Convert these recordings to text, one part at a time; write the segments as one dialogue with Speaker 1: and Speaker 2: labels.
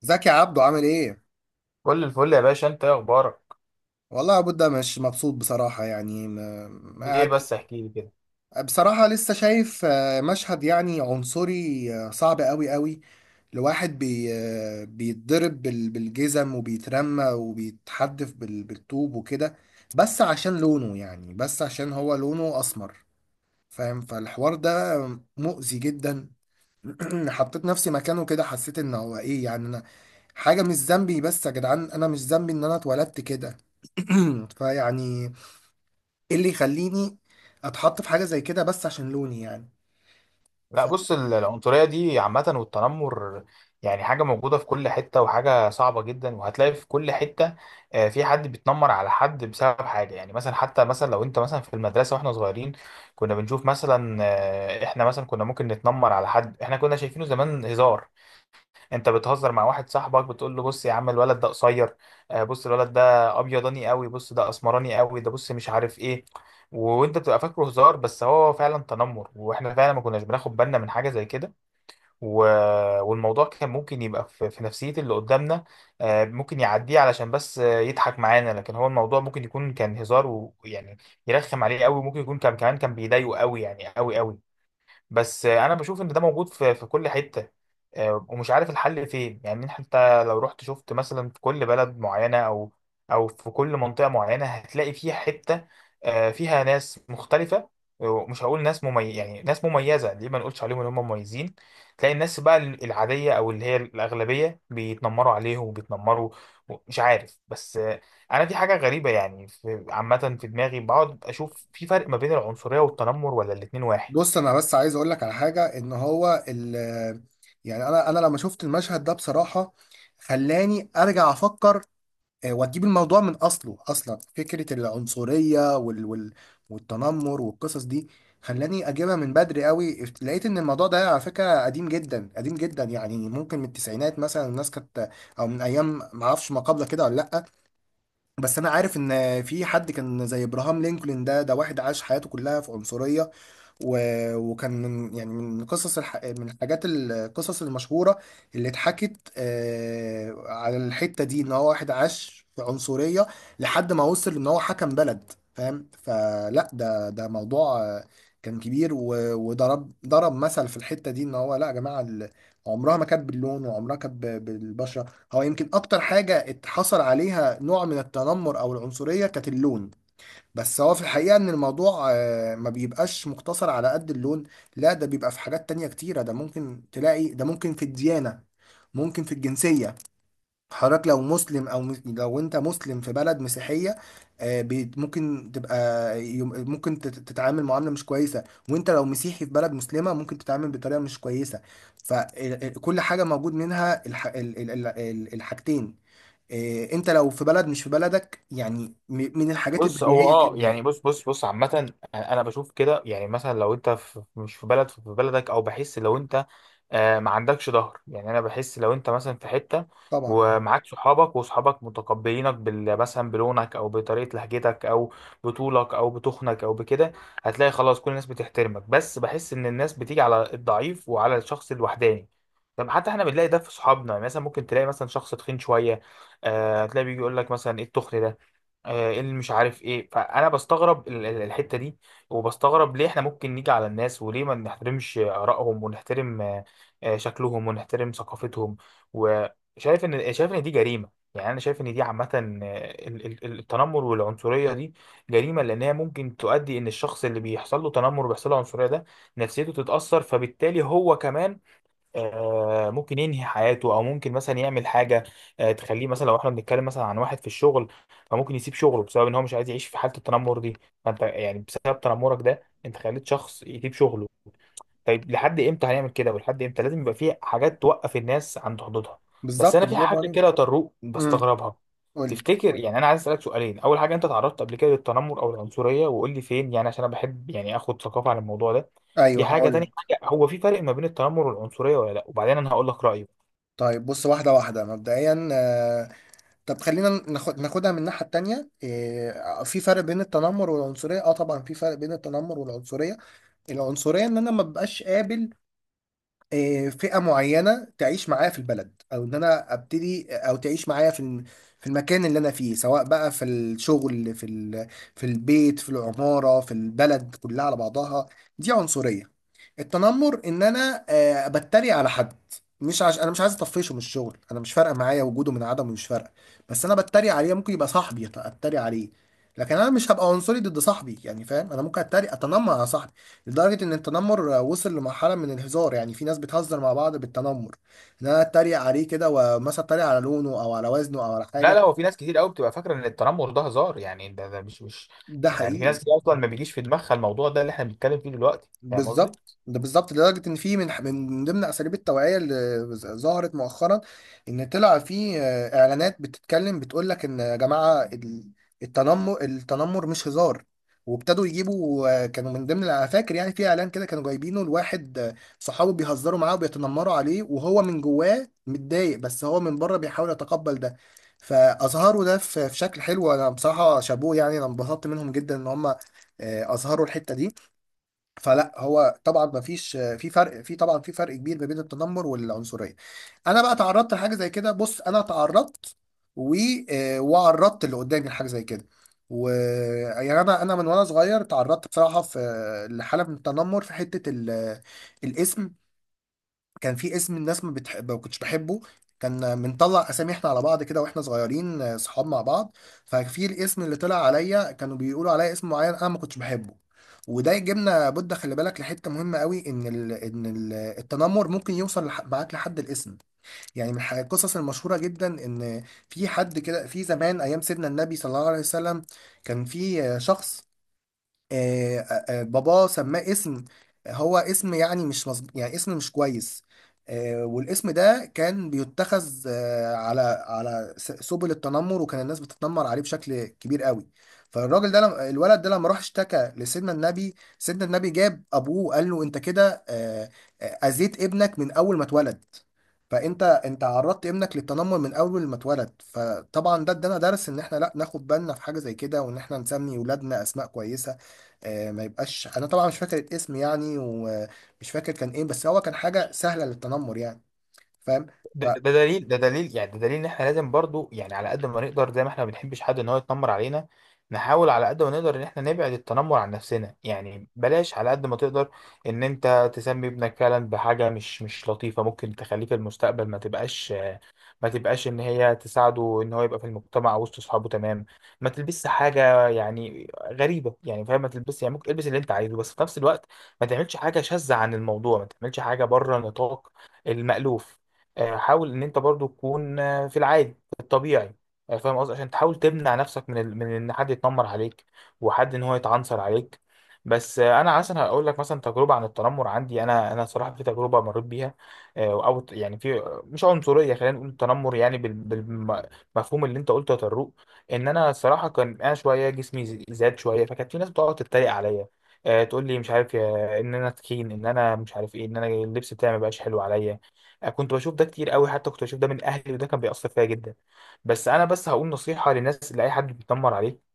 Speaker 1: زكي عبده عامل ايه؟
Speaker 2: كل الفل يا باشا، انت ايه اخبارك؟
Speaker 1: والله يا بودة مش مبسوط بصراحة، يعني
Speaker 2: ليه
Speaker 1: قاعد
Speaker 2: بس؟ احكي لي كده.
Speaker 1: بصراحة لسه شايف مشهد يعني عنصري، صعب قوي قوي لواحد بي آه، بيتضرب بالجزم وبيترمى وبيتحدف بالطوب وكده، بس عشان لونه، يعني بس عشان هو لونه أسمر. فاهم؟ فالحوار ده مؤذي جدا. حطيت نفسي مكانه كده، حسيت ان هو ايه يعني حاجة مش ذنبي. بس يا جدعان أنا مش ذنبي إن أنا اتولدت كده. فيعني إيه اللي يخليني أتحط في حاجة زي كده بس عشان لوني يعني؟
Speaker 2: لا بص،
Speaker 1: ف-
Speaker 2: العنصريه دي عامه والتنمر، يعني حاجه موجوده في كل حته وحاجه صعبه جدا وهتلاقي في كل حته. في حد بيتنمر على حد بسبب حاجه، يعني مثلا، حتى مثلا لو انت مثلا في المدرسه واحنا صغيرين كنا بنشوف مثلا، احنا مثلا كنا ممكن نتنمر على حد احنا كنا شايفينه زمان هزار. انت بتهزر مع واحد صاحبك بتقول له بص يا عم الولد ده قصير، بص الولد ده ابيضاني قوي، بص ده اسمراني قوي، ده بص مش عارف ايه. وانت بتبقى فاكره هزار بس هو فعلا تنمر، واحنا فعلا ما كناش بناخد بالنا من حاجه زي كده. و... والموضوع كان ممكن يبقى في نفسيه اللي قدامنا، ممكن يعديه علشان بس يضحك معانا، لكن هو الموضوع ممكن يكون كان هزار ويعني يرخم عليه قوي، ممكن يكون كان كمان كان بيضايقه قوي يعني قوي قوي. بس انا بشوف ان ده موجود في كل حته، ومش عارف الحل فين، يعني حتى لو رحت شفت مثلا في كل بلد معينه او او في كل منطقه معينه هتلاقي فيها حته، فيها ناس مختلفه. ومش هقول ناس مميز، يعني ناس مميزه، ليه ما نقولش عليهم ان هم مميزين. تلاقي الناس بقى العاديه او اللي هي الاغلبيه بيتنمروا عليهم وبيتنمروا مش عارف، بس انا في حاجه غريبه يعني في عامه في دماغي، بقعد اشوف في فرق ما بين العنصريه والتنمر ولا الاتنين واحد؟
Speaker 1: بص أنا بس عايز أقول لك على حاجة، إن هو ال يعني أنا لما شفت المشهد ده بصراحة خلاني أرجع أفكر، وتجيب الموضوع من اصله، اصلا فكره العنصريه والتنمر والقصص دي خلاني اجيبها من بدري قوي. لقيت ان الموضوع ده على فكره قديم جدا، قديم جدا، يعني ممكن من التسعينات مثلا الناس كانت، او من ايام ما اعرفش ما قبل كده ولا لا. بس انا عارف ان في حد كان زي ابراهام لينكولن، ده واحد عاش حياته كلها في عنصريه، وكان من يعني من قصص من الحاجات القصص المشهورة اللي اتحكت على الحتة دي، ان هو واحد عاش في عنصرية لحد ما وصل ان هو حكم بلد. فاهم؟ فلا ده موضوع كان كبير، وضرب ضرب مثل في الحتة دي ان هو لا يا جماعة، عمرها ما كانت باللون، وعمرها كانت بالبشرة. هو يمكن اكتر حاجة اتحصل عليها نوع من التنمر او العنصرية كانت اللون، بس هو في الحقيقة ان الموضوع ما بيبقاش مقتصر على قد اللون. لا، ده بيبقى في حاجات تانية كتيرة، ده ممكن تلاقي ده ممكن في الديانة، ممكن في الجنسية. حضرتك لو مسلم او لو انت مسلم في بلد مسيحية، ممكن تبقى ممكن تتعامل معاملة مش كويسة، وانت لو مسيحي في بلد مسلمة ممكن تتعامل بطريقة مش كويسة. فكل حاجة موجود منها الحاجتين، انت لو في بلد مش في بلدك، يعني من الحاجات
Speaker 2: بص، هو
Speaker 1: البديهية
Speaker 2: اه
Speaker 1: جدا.
Speaker 2: يعني، بص عامة انا بشوف كده، يعني مثلا لو انت في مش في بلد في بلدك، او بحس لو انت آه ما عندكش ظهر، يعني انا بحس لو انت مثلا في حتة
Speaker 1: طبعا اه.
Speaker 2: ومعاك صحابك وصحابك متقبلينك بال مثلا بلونك او بطريقة لهجتك او بطولك او بتخنك او بكده، هتلاقي خلاص كل الناس بتحترمك. بس بحس ان الناس بتيجي على الضعيف وعلى الشخص الوحداني. طب حتى احنا بنلاقي ده في صحابنا، يعني مثلا ممكن تلاقي مثلا شخص تخين شوية، هتلاقي بيجي يقول لك مثلا ايه التخن ده، إيه اللي مش عارف ايه. فانا بستغرب الحته دي، وبستغرب ليه احنا ممكن نيجي على الناس وليه ما نحترمش ارائهم ونحترم شكلهم ونحترم ثقافتهم. وشايف ان شايف ان دي جريمه، يعني انا شايف ان دي عامه، التنمر والعنصريه دي جريمه، لانها ممكن تؤدي ان الشخص اللي بيحصل له تنمر وبيحصل له عنصريه ده نفسيته تتاثر، فبالتالي هو كمان ممكن ينهي حياته او ممكن مثلا يعمل حاجه تخليه، مثلا لو احنا بنتكلم مثلا عن واحد في الشغل، فممكن يسيب شغله بسبب ان هو مش عايز يعيش في حاله التنمر دي. فانت يعني بسبب تنمرك ده انت خليت شخص يسيب شغله. طيب لحد امتى هنعمل كده؟ ولحد امتى؟ لازم يبقى في حاجات توقف الناس عند حدودها. بس
Speaker 1: بالظبط،
Speaker 2: انا في
Speaker 1: برافو
Speaker 2: حاجه
Speaker 1: عليك.
Speaker 2: كده يا طروق
Speaker 1: امم،
Speaker 2: بستغربها.
Speaker 1: قول لي.
Speaker 2: تفتكر، يعني انا عايز اسالك سؤالين. اول حاجه، انت تعرضت قبل كده للتنمر او العنصريه؟ وقول لي فين، يعني عشان انا بحب يعني اخد ثقافه عن الموضوع ده. دي
Speaker 1: ايوه
Speaker 2: حاجه.
Speaker 1: هقول
Speaker 2: تاني
Speaker 1: لك.
Speaker 2: حاجه، هو في فرق ما بين التنمر والعنصريه ولا لا؟ وبعدين انا هقول لك رايي.
Speaker 1: طيب بص، واحده واحده مبدئيا، طب خلينا ناخدها من الناحيه التانيه، في فرق بين التنمر والعنصريه؟ اه طبعا في فرق بين التنمر والعنصريه. العنصريه ان انا ما ببقاش قابل فئه معينه تعيش معايا في البلد، او ان انا ابتدي او تعيش معايا في المكان اللي انا فيه، سواء بقى في الشغل، في البيت، في العماره، في البلد كلها على بعضها. دي عنصريه. التنمر ان انا، بتريق على حد، مش عش... انا مش عايز اطفشه من الشغل، انا مش فارقه معايا وجوده من عدمه، مش فارقه، بس انا بتريق عليه، ممكن يبقى صاحبي اتريق عليه، لكن انا مش هبقى عنصري ضد صاحبي. يعني فاهم؟ انا ممكن اتريق اتنمر على صاحبي لدرجه ان التنمر وصل لمرحله من الهزار، يعني في ناس بتهزر مع بعض بالتنمر ان انا اتريق عليه كده، ومثلا اتريق على لونه او على وزنه او على
Speaker 2: لا لا،
Speaker 1: حاجه.
Speaker 2: هو في ناس كتير قوي بتبقى فاكره ان التنمر ده هزار، يعني ده مش
Speaker 1: ده
Speaker 2: يعني، في
Speaker 1: حقيقي.
Speaker 2: ناس كتير اصلا ما بيجيش في دماغها الموضوع ده اللي احنا بنتكلم فيه دلوقتي. فاهم قصدي؟
Speaker 1: بالظبط، ده بالظبط، لدرجة إن في من ضمن أساليب التوعية اللي ظهرت مؤخرا، إن طلع في إعلانات بتتكلم بتقول لك إن يا جماعة، التنمر مش هزار. وابتدوا يجيبوا، كانوا من ضمن، أنا فاكر يعني، في إعلان كده كانوا جايبينه لواحد، صحابه بيهزروا معاه وبيتنمروا عليه وهو من جواه متضايق بس هو من بره بيحاول يتقبل ده. فأظهروا ده في في شكل حلو، أنا بصراحة شابوه يعني، أنا انبسطت منهم جدا إن هم أظهروا الحتة دي. فلا هو طبعا ما فيش، في طبعا في فرق كبير ما بين التنمر والعنصريه. انا بقى تعرضت لحاجه زي كده. بص، انا تعرضت، و وعرضت اللي قدامي لحاجه زي كده. و يعني انا من وانا صغير تعرضت بصراحه في لحاله من التنمر، في حته الاسم. كان في اسم الناس ما بتحب ما كنتش بحبه، كان بنطلع اسامي احنا على بعض كده واحنا صغيرين، صحاب مع بعض، ففي الاسم اللي طلع عليا كانوا بيقولوا عليا اسم معين انا ما كنتش بحبه. وده يجيبنا بودة، خلي بالك لحته مهمه قوي، ان ال ان ال التنمر ممكن يوصل معاك لحد الاسم. يعني من القصص المشهوره جدا، ان في حد كده في زمان ايام سيدنا النبي صلى الله عليه وسلم، كان في شخص، آه، باباه سماه اسم، هو اسم يعني مش مظبوط، يعني اسم مش كويس، والاسم ده كان بيتخذ على سبل التنمر، وكان الناس بتتنمر عليه بشكل كبير قوي. الولد ده لما راح اشتكى لسيدنا النبي، سيدنا النبي جاب ابوه وقال له انت كده اذيت ابنك من اول ما اتولد، انت عرضت ابنك للتنمر من اول ما اتولد. فطبعا ده ادانا درس ان احنا لا ناخد بالنا في حاجه زي كده، وان احنا نسمي ولادنا اسماء كويسه، ما يبقاش، انا طبعا مش فاكر الاسم يعني، ومش فاكر كان ايه، بس هو كان حاجه سهله للتنمر يعني. فاهم؟
Speaker 2: ده دليل، ده دليل ان احنا لازم برضو يعني على قد ما نقدر، زي ما احنا ما بنحبش حد ان هو يتنمر علينا، نحاول على قد ما نقدر ان احنا نبعد التنمر عن نفسنا. يعني بلاش على قد ما تقدر ان انت تسمي ابنك فعلا بحاجة مش لطيفة ممكن تخليه في المستقبل، ما تبقاش ان هي تساعده ان هو يبقى في المجتمع وسط اصحابه. تمام؟ ما تلبسش حاجه يعني غريبه، يعني فاهم، ما تلبسش يعني، ممكن البس اللي انت عايزه بس في نفس الوقت ما تعملش حاجه شاذه عن الموضوع، ما تعملش حاجه بره نطاق المألوف. حاول ان انت برضو تكون في العادي، في الطبيعي. فاهم قصدي؟ عشان تحاول تمنع نفسك من ان حد يتنمر عليك، وحد ان هو يتعنصر عليك. بس انا مثلا هقول لك مثلا تجربه عن التنمر عندي انا. انا صراحه في تجربه مريت بيها، او يعني في مش عنصريه، خلينا نقول تنمر، يعني بالمفهوم اللي انت قلته يا طروق. ان انا الصراحه كان انا شويه جسمي زاد شويه، فكانت في ناس بتقعد تتريق عليا، تقول لي مش عارف ان انا تخين، ان انا مش عارف ايه، ان انا اللبس بتاعي ما بقاش حلو عليا. كنت بشوف ده كتير قوي، حتى كنت بشوف ده من اهلي وده كان بيأثر فيا جدا. بس انا بس هقول نصيحه للناس، لاي حد بيتنمر عليك،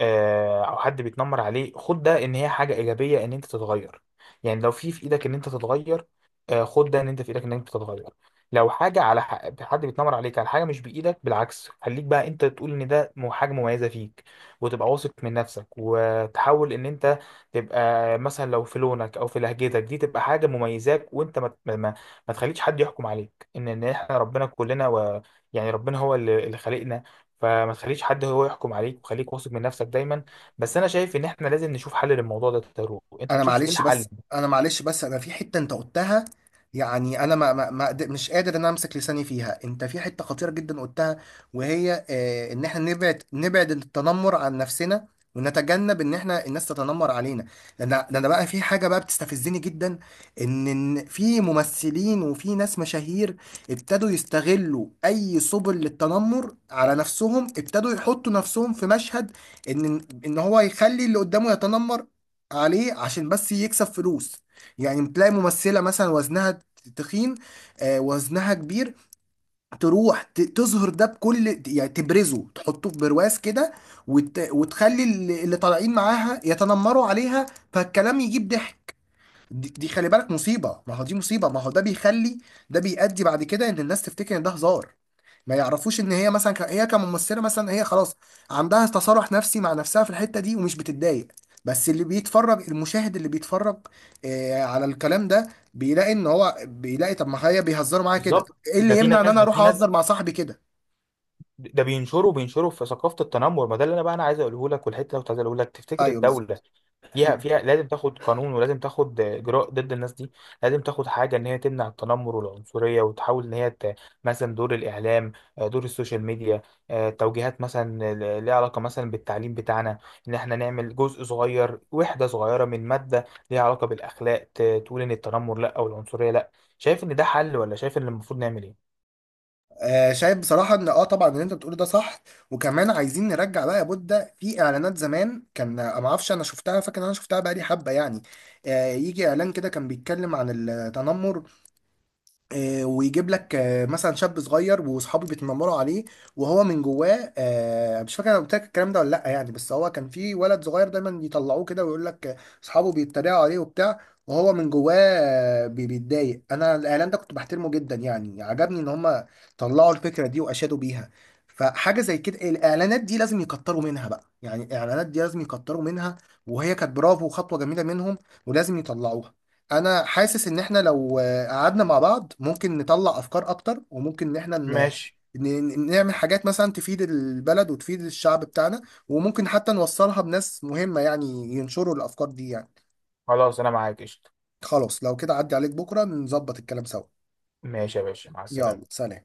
Speaker 2: او حد بيتنمر عليه، خد ده ان هي حاجه ايجابيه ان انت تتغير. يعني لو في ايدك ان انت تتغير، خد ده ان انت في ايدك ان انت تتغير. لو حاجه على حد بيتنمر عليك على حاجه مش بايدك، بالعكس خليك بقى انت تقول ان ده حاجه مميزه فيك، وتبقى واثق من نفسك، وتحاول ان انت تبقى مثلا لو في لونك او في لهجتك دي تبقى حاجه مميزاك، وانت ما ما تخليش حد يحكم عليك. ان احنا ربنا كلنا و، يعني ربنا هو اللي خلقنا. فما تخليش حد هو يحكم عليك، وخليك واثق من نفسك دايما. بس انا شايف ان احنا لازم نشوف حل للموضوع ده. تارو، انت
Speaker 1: انا
Speaker 2: تشوف ايه
Speaker 1: معلش بس،
Speaker 2: الحل؟
Speaker 1: انا في حته انت قلتها، يعني انا ما ما ما قد- مش قادر ان أنا امسك لساني فيها. انت في حته خطيره جدا قلتها، وهي ان احنا نبعد التنمر عن نفسنا، ونتجنب ان احنا الناس تتنمر علينا، لان بقى في حاجه بقى بتستفزني جدا. ان إن في ممثلين وفي ناس مشاهير ابتدوا يستغلوا اي سبل للتنمر على نفسهم، ابتدوا يحطوا نفسهم في مشهد ان هو يخلي اللي قدامه يتنمر عليه عشان بس يكسب فلوس. يعني تلاقي ممثلة مثلا وزنها تخين، وزنها كبير، تروح تظهر ده بكل يعني تبرزه تحطه في برواز كده، وتخلي اللي طالعين معاها يتنمروا عليها، فالكلام يجيب ضحك. دي خلي بالك مصيبة، ما هو دي مصيبة، ما هو ده بيخلي، ده بيؤدي بعد كده ان الناس تفتكر ان ده هزار. ما يعرفوش ان هي مثلا هي كممثلة مثلا هي خلاص عندها تصالح نفسي مع نفسها في الحتة دي ومش بتتضايق، بس اللي بيتفرج، المشاهد اللي بيتفرج على الكلام ده بيلاقي ان هو بيلاقي، طب ما هي بيهزروا معايا كده،
Speaker 2: بالظبط،
Speaker 1: ايه اللي يمنع ان انا
Speaker 2: ده
Speaker 1: اروح
Speaker 2: في ناس
Speaker 1: اهزر مع صاحبي كده؟
Speaker 2: بينشروا، بينشروا في ثقافة التنمر. ما ده اللي انا بقى انا عايز اقوله لك، والحته اللي كنت عايز اقوله لك، تفتكر
Speaker 1: ايوه
Speaker 2: الدولة
Speaker 1: بالظبط.
Speaker 2: فيها لازم تاخد قانون ولازم تاخد اجراء ضد الناس دي؟ لازم تاخد حاجه ان هي تمنع التنمر والعنصريه، وتحاول ان هي مثلا دور الاعلام، دور السوشيال ميديا، توجيهات مثلا ليها علاقه مثلا بالتعليم بتاعنا، ان احنا نعمل جزء صغير، وحده صغيره من ماده ليها علاقه بالاخلاق، تقول ان التنمر لا او العنصريه لا. شايف ان ده حل؟ ولا شايف ان المفروض نعمل ايه؟
Speaker 1: شايف بصراحة ان اه طبعا اللي انت بتقوله ده صح. وكمان عايزين نرجع بقى يا بودة، في اعلانات زمان كان ما اعرفش، انا شفتها، فاكر إن انا شفتها بقى لي حبة يعني، يجي اعلان كده كان بيتكلم عن التنمر، ويجيب لك مثلا شاب صغير واصحابه بيتنمروا عليه وهو من جواه، مش فاكر انا قلت لك الكلام ده ولا لا يعني، بس هو كان في ولد صغير دايما يطلعوه كده ويقول لك اصحابه بيتريقوا عليه وبتاع وهو من جواه بيتضايق. انا الاعلان ده كنت بحترمه جدا يعني، عجبني ان هم طلعوا الفكره دي واشادوا بيها. فحاجه زي كده الاعلانات دي لازم يكتروا منها بقى، يعني الاعلانات دي لازم يكتروا منها، وهي كانت برافو وخطوه جميله منهم، ولازم يطلعوها. انا حاسس ان احنا لو قعدنا مع بعض ممكن نطلع افكار اكتر، وممكن ان احنا
Speaker 2: ماشي.
Speaker 1: نعمل حاجات مثلا تفيد البلد وتفيد الشعب بتاعنا، وممكن حتى نوصلها بناس مهمة يعني، ينشروا الافكار دي يعني.
Speaker 2: خلاص انا معاك، قشطه.
Speaker 1: خلاص لو كده عدي عليك بكرة نظبط الكلام سوا.
Speaker 2: ماشي يا باشا، مع السلامه.
Speaker 1: يلا سلام.